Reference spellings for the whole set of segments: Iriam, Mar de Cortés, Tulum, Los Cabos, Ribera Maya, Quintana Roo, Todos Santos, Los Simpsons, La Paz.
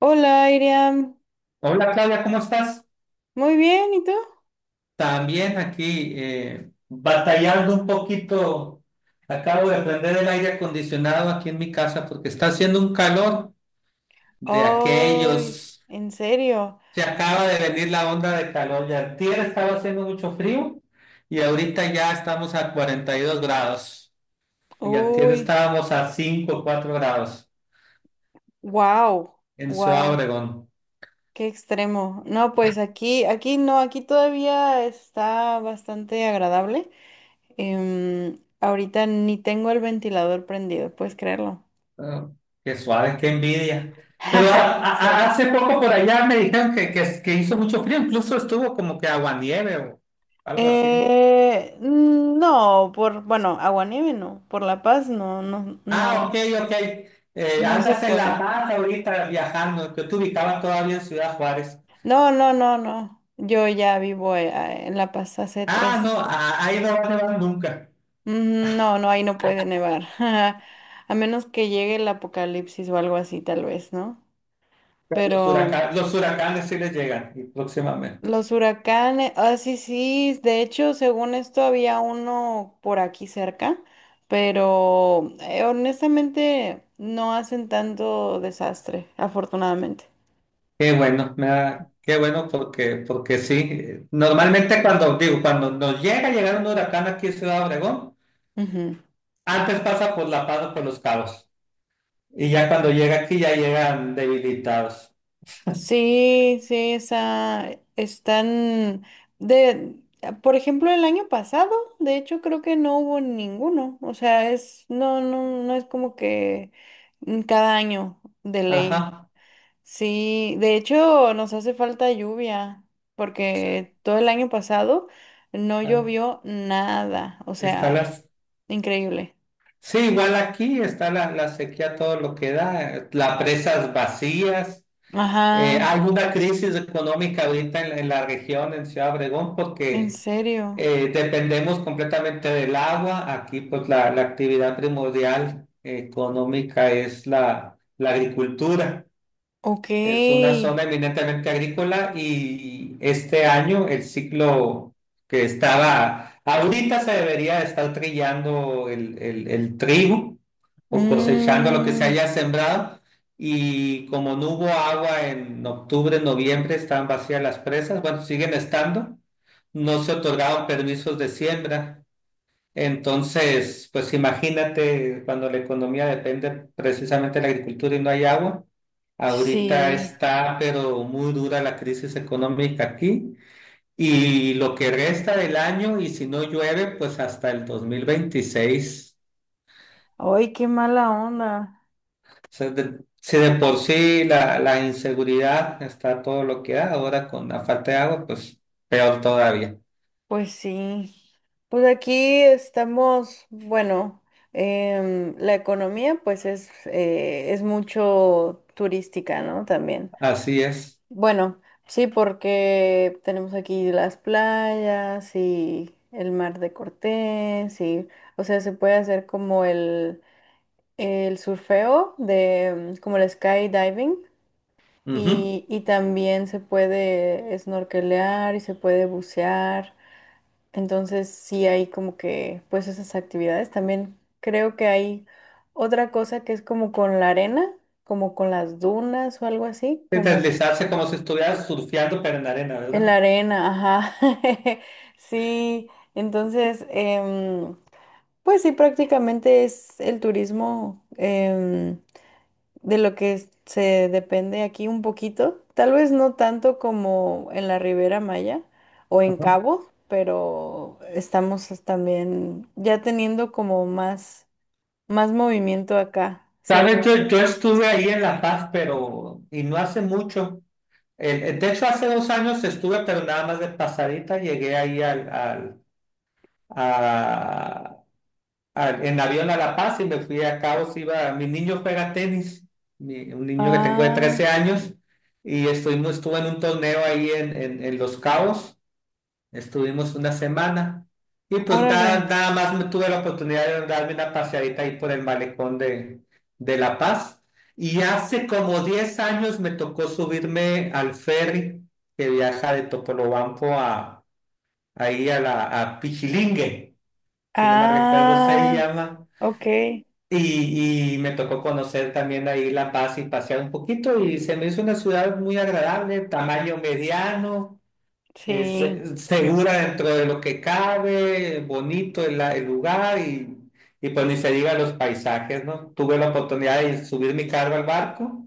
Hola, Iriam. Hola Claudia, ¿cómo estás? Muy bien, ¿y tú? También aquí batallando un poquito. Acabo de prender el aire acondicionado aquí en mi casa porque está haciendo un calor de Ay, aquellos. ¿en serio? Se acaba de venir la onda de calor. Ya antier estaba haciendo mucho frío y ahorita ya estamos a 42 grados. Y antier Uy, estábamos a 5 o 4 grados wow, en Ciudad wow, Obregón. qué extremo. No, pues aquí, aquí no, aquí todavía está bastante agradable. Ahorita ni tengo el ventilador prendido, ¿puedes creerlo? Ah, qué suave, qué envidia. Pero a- Sí. Hace poco por allá me dijeron que hizo mucho frío, incluso estuvo como que aguanieve o algo así. No, bueno, aguanieve no, por La Paz no, no, Ah, ok, no, ok. No se Andas en La puede. Paz ahorita viajando, que te ubicaba todavía en Ciudad Juárez. No. Yo ya vivo en La Paz hace Ah, no, tres. Ahí no va a nevar nunca. No, no, ahí no puede nevar. A menos que llegue el apocalipsis o algo así, tal vez, ¿no? Pero Los Pero huracanes, los huracanes sí les llegan y próximamente. los huracanes, sí, sí. De hecho, según esto, había uno por aquí cerca, pero honestamente no hacen tanto desastre, afortunadamente. Qué bueno, qué bueno porque, porque sí. Normalmente cuando nos llega a llegar un huracán aquí en Ciudad Obregón, Ujú. antes pasa por La Paz o por Los Cabos. Y ya cuando llega aquí ya llegan debilitados. Sí, sí, esa, están de, por ejemplo, el año pasado, de hecho, creo que no hubo ninguno. O sea, es, no es como que cada año de ley. Ajá. Sí, de hecho, nos hace falta lluvia, porque todo el año pasado no Acá llovió nada. O está sea, las... increíble. Sí, igual aquí está la sequía, todo lo que da, las presas vacías. Ajá, Hay una crisis económica ahorita en la región, en Ciudad Obregón, en porque serio. Dependemos completamente del agua. Aquí pues la actividad primordial económica es la agricultura. Ok. Es una zona eminentemente agrícola y este año el ciclo ahorita se debería estar trillando el trigo o cosechando lo que se Mm, haya sembrado y como no hubo agua en octubre, noviembre, estaban vacías las presas, bueno, siguen estando, no se otorgaron permisos de siembra. Entonces, pues imagínate cuando la economía depende precisamente de la agricultura y no hay agua. Ahorita sí. está, pero muy dura la crisis económica aquí. Y lo que resta del año, y si no llueve, pues hasta el 2026. Ay, qué mala onda. O sea, si de por sí la inseguridad está todo lo que da, ahora con la falta de agua, pues peor todavía. Pues sí. Pues aquí estamos, bueno, la economía pues es mucho turística, ¿no? También. Así es. Bueno, sí, porque tenemos aquí las playas y el mar de Cortés y, o sea, se puede hacer como el surfeo de, como el skydiving. Ujú. Y también se puede snorkelear y se puede bucear. Entonces sí hay como que pues esas actividades. También creo que hay otra cosa que es como con la arena, como con las dunas o algo así, Es como deslizarse como si estuvieras surfeando, pero en arena, en ¿verdad? la arena, ajá. Sí, entonces pues sí prácticamente es el turismo. De lo que se depende aquí un poquito, tal vez no tanto como en la Ribera Maya o en Cabo, pero estamos también ya teniendo como más, más movimiento acá, siento Sabes, yo, yo. yo estuve ahí en La Paz, pero, y no hace mucho. De hecho, hace dos años estuve, pero nada más de pasadita, llegué ahí a- en avión a La Paz y me fui a Cabos, iba, mi niño juega tenis, un niño que tengo de 13 Ah, años, y estuve en un torneo ahí en Los Cabos. Estuvimos una semana y pues nada, órale. nada más me tuve la oportunidad de darme una paseadita ahí por el malecón de La Paz. Y hace como 10 años me tocó subirme al ferry que viaja de Topolobampo a, ahí a, la, a Pichilingue, si no me recuerdo se Ah, llama. ok. Y me tocó conocer también ahí La Paz y pasear un poquito y se me hizo una ciudad muy agradable, tamaño mediano, Sí. Segura dentro de lo que cabe, bonito el lugar y pues ni se diga los paisajes, ¿no? Tuve la oportunidad de subir mi carro al barco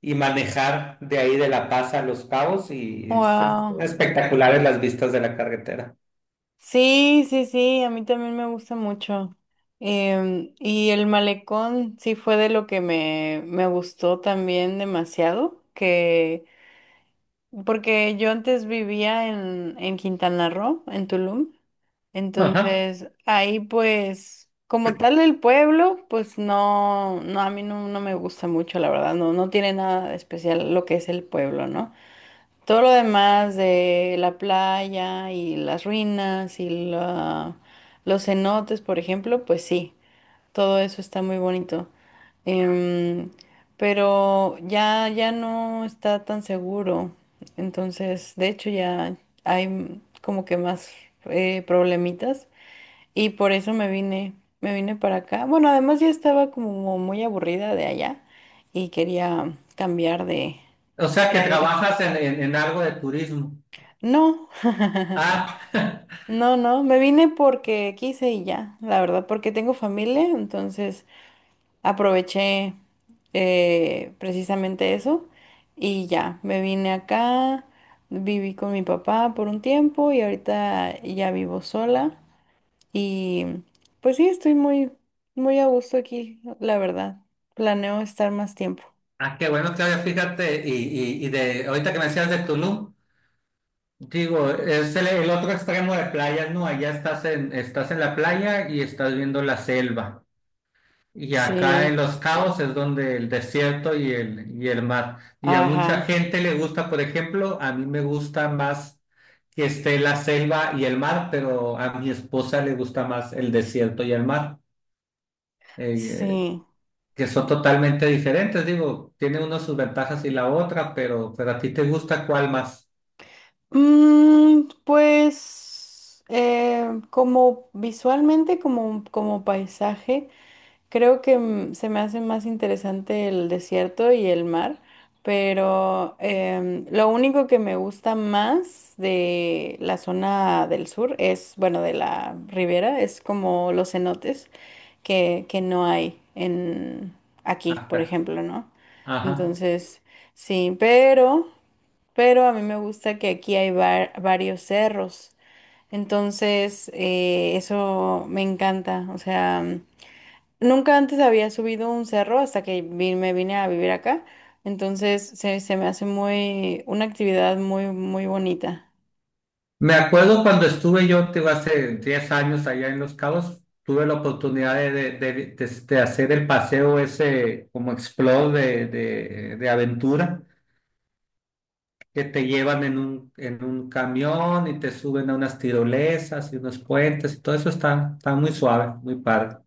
y manejar de ahí de La Paz a Los Cabos y es Wow. espectaculares las vistas de la carretera. Sí, sí, sí, a mí también me gusta mucho. Y el malecón sí fue de lo que me gustó también demasiado, que porque yo antes vivía en Quintana Roo, en Tulum, Ajá. entonces ahí pues como tal el pueblo, pues no, no, a mí no, no me gusta mucho, la verdad, no, no tiene nada de especial lo que es el pueblo, ¿no? Todo lo demás de la playa y las ruinas y los cenotes, por ejemplo, pues sí, todo eso está muy bonito. Em, pero ya, ya no está tan seguro. Entonces, de hecho, ya hay como que más problemitas. Y por eso me vine para acá. Bueno, además ya estaba como muy aburrida de allá y quería cambiar O sea de que aires. trabajas en algo de turismo. No. Ah, No, no, me vine porque quise y ya, la verdad, porque tengo familia, entonces aproveché precisamente eso y ya, me vine acá, viví con mi papá por un tiempo y ahorita ya vivo sola y pues sí, estoy muy, muy a gusto aquí, la verdad. Planeo estar más tiempo. ah, qué bueno, Claudia, fíjate, y de ahorita que me decías de Tulum. Digo, es el otro extremo de playas, ¿no? Allá estás en la playa y estás viendo la selva. Y acá en Sí, Los Cabos es donde el desierto y el mar. Y a ajá, mucha gente le gusta, por ejemplo, a mí me gusta más que esté la selva y el mar, pero a mi esposa le gusta más el desierto y el mar, eh, sí. que son totalmente diferentes. Digo, tiene uno sus ventajas y la otra, pero a ti te gusta cuál más Pues como visualmente, como, como paisaje, creo que se me hace más interesante el desierto y el mar, pero lo único que me gusta más de la zona del sur es, bueno, de la ribera, es como los cenotes que no hay en aquí, por acá. ejemplo, ¿no? Ajá. Entonces, sí, pero a mí me gusta que aquí hay varios cerros, entonces eso me encanta, o sea, nunca antes había subido un cerro hasta que me vine a vivir acá, entonces se me hace muy, una actividad muy, muy bonita. Me acuerdo cuando estuve yo, te digo, hace 10 años allá en Los Cabos, tuve la oportunidad de, de hacer el paseo ese como explore de, de aventura, que te llevan en un camión y te suben a unas tirolesas y unos puentes, y todo eso está, está muy suave, muy padre.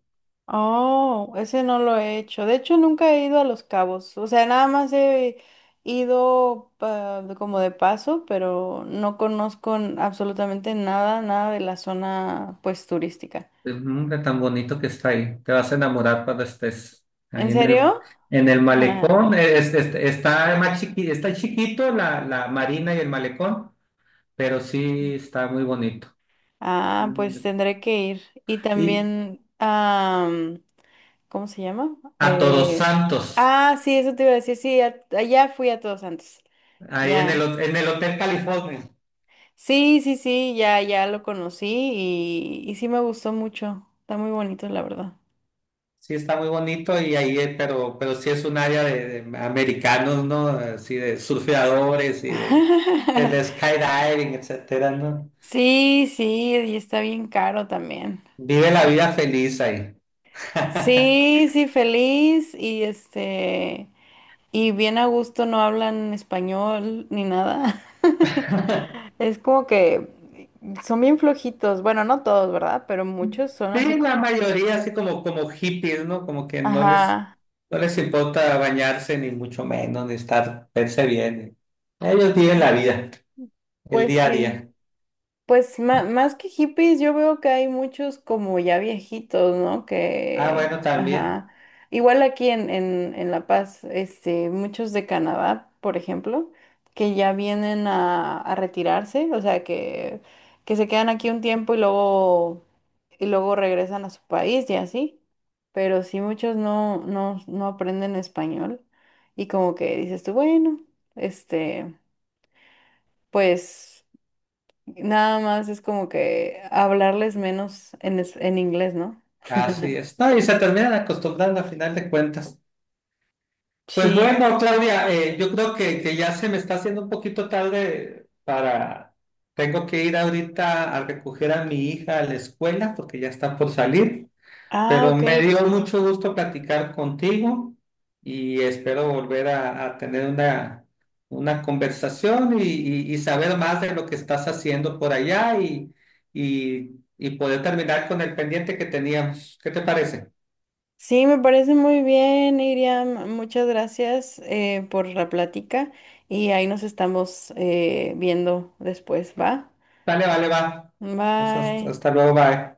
Oh, ese no lo he hecho. De hecho, nunca he ido a Los Cabos. O sea, nada más he ido como de paso, pero no conozco absolutamente nada, nada de la zona pues turística. Es un hombre tan bonito que está ahí, te vas a enamorar cuando estés ¿En ahí serio? en el Ajá. malecón. Está más chiqui, está chiquito la marina y el malecón, pero sí está muy bonito. Ah, Mm. pues tendré que ir. Y Y también, ¿cómo se llama? a Todos Santos, Ah, sí, eso te iba a decir. Sí, allá fui a Todos Santos. ahí en Ya. el, en el Hotel California, Sí, sí, sí, ya, ya lo conocí y sí me gustó mucho. Está muy bonito, la verdad. sí está muy bonito y ahí, pero sí es un área de americanos, ¿no? Así de surfeadores y de, del skydiving, etcétera, ¿no? Sí, sí, y está bien caro también. Vive la vida feliz ahí. Sí, sí, feliz y este. Y bien a gusto no hablan español ni nada. Es como que son bien flojitos. Bueno, no todos, ¿verdad? Pero muchos son así Sí, la como... mayoría así como, como hippies, ¿no? Como que no les, Ajá, no les importa bañarse ni mucho menos, ni estar, verse bien. Ellos viven la vida. El pues día a sí. día. Pues más que hippies, yo veo que hay muchos como ya viejitos, ¿no? Ah, Que, bueno, también. ajá. Igual aquí en La Paz, este, muchos de Canadá, por ejemplo, que ya vienen a retirarse, o sea, que se quedan aquí un tiempo y luego regresan a su país y así. Pero sí, muchos no, no, no aprenden español y como que dices tú, bueno, este, pues nada más es como que hablarles menos en, en inglés, ¿no? Así es. No, y se terminan acostumbrando a final de cuentas. Pues Sí. bueno, Claudia, yo creo que ya se me está haciendo un poquito tarde para... Tengo que ir ahorita a recoger a mi hija a la escuela porque ya está por salir. Ah, Pero ok. me dio mucho gusto platicar contigo y espero volver a tener una conversación y, y saber más de lo que estás haciendo por allá y, y poder terminar con el pendiente que teníamos. ¿Qué te parece? Sí, me parece muy bien, Iriam. Muchas gracias por la plática y ahí nos estamos viendo después, ¿va? Vale, vale, va. Pues Bye. hasta luego, bye.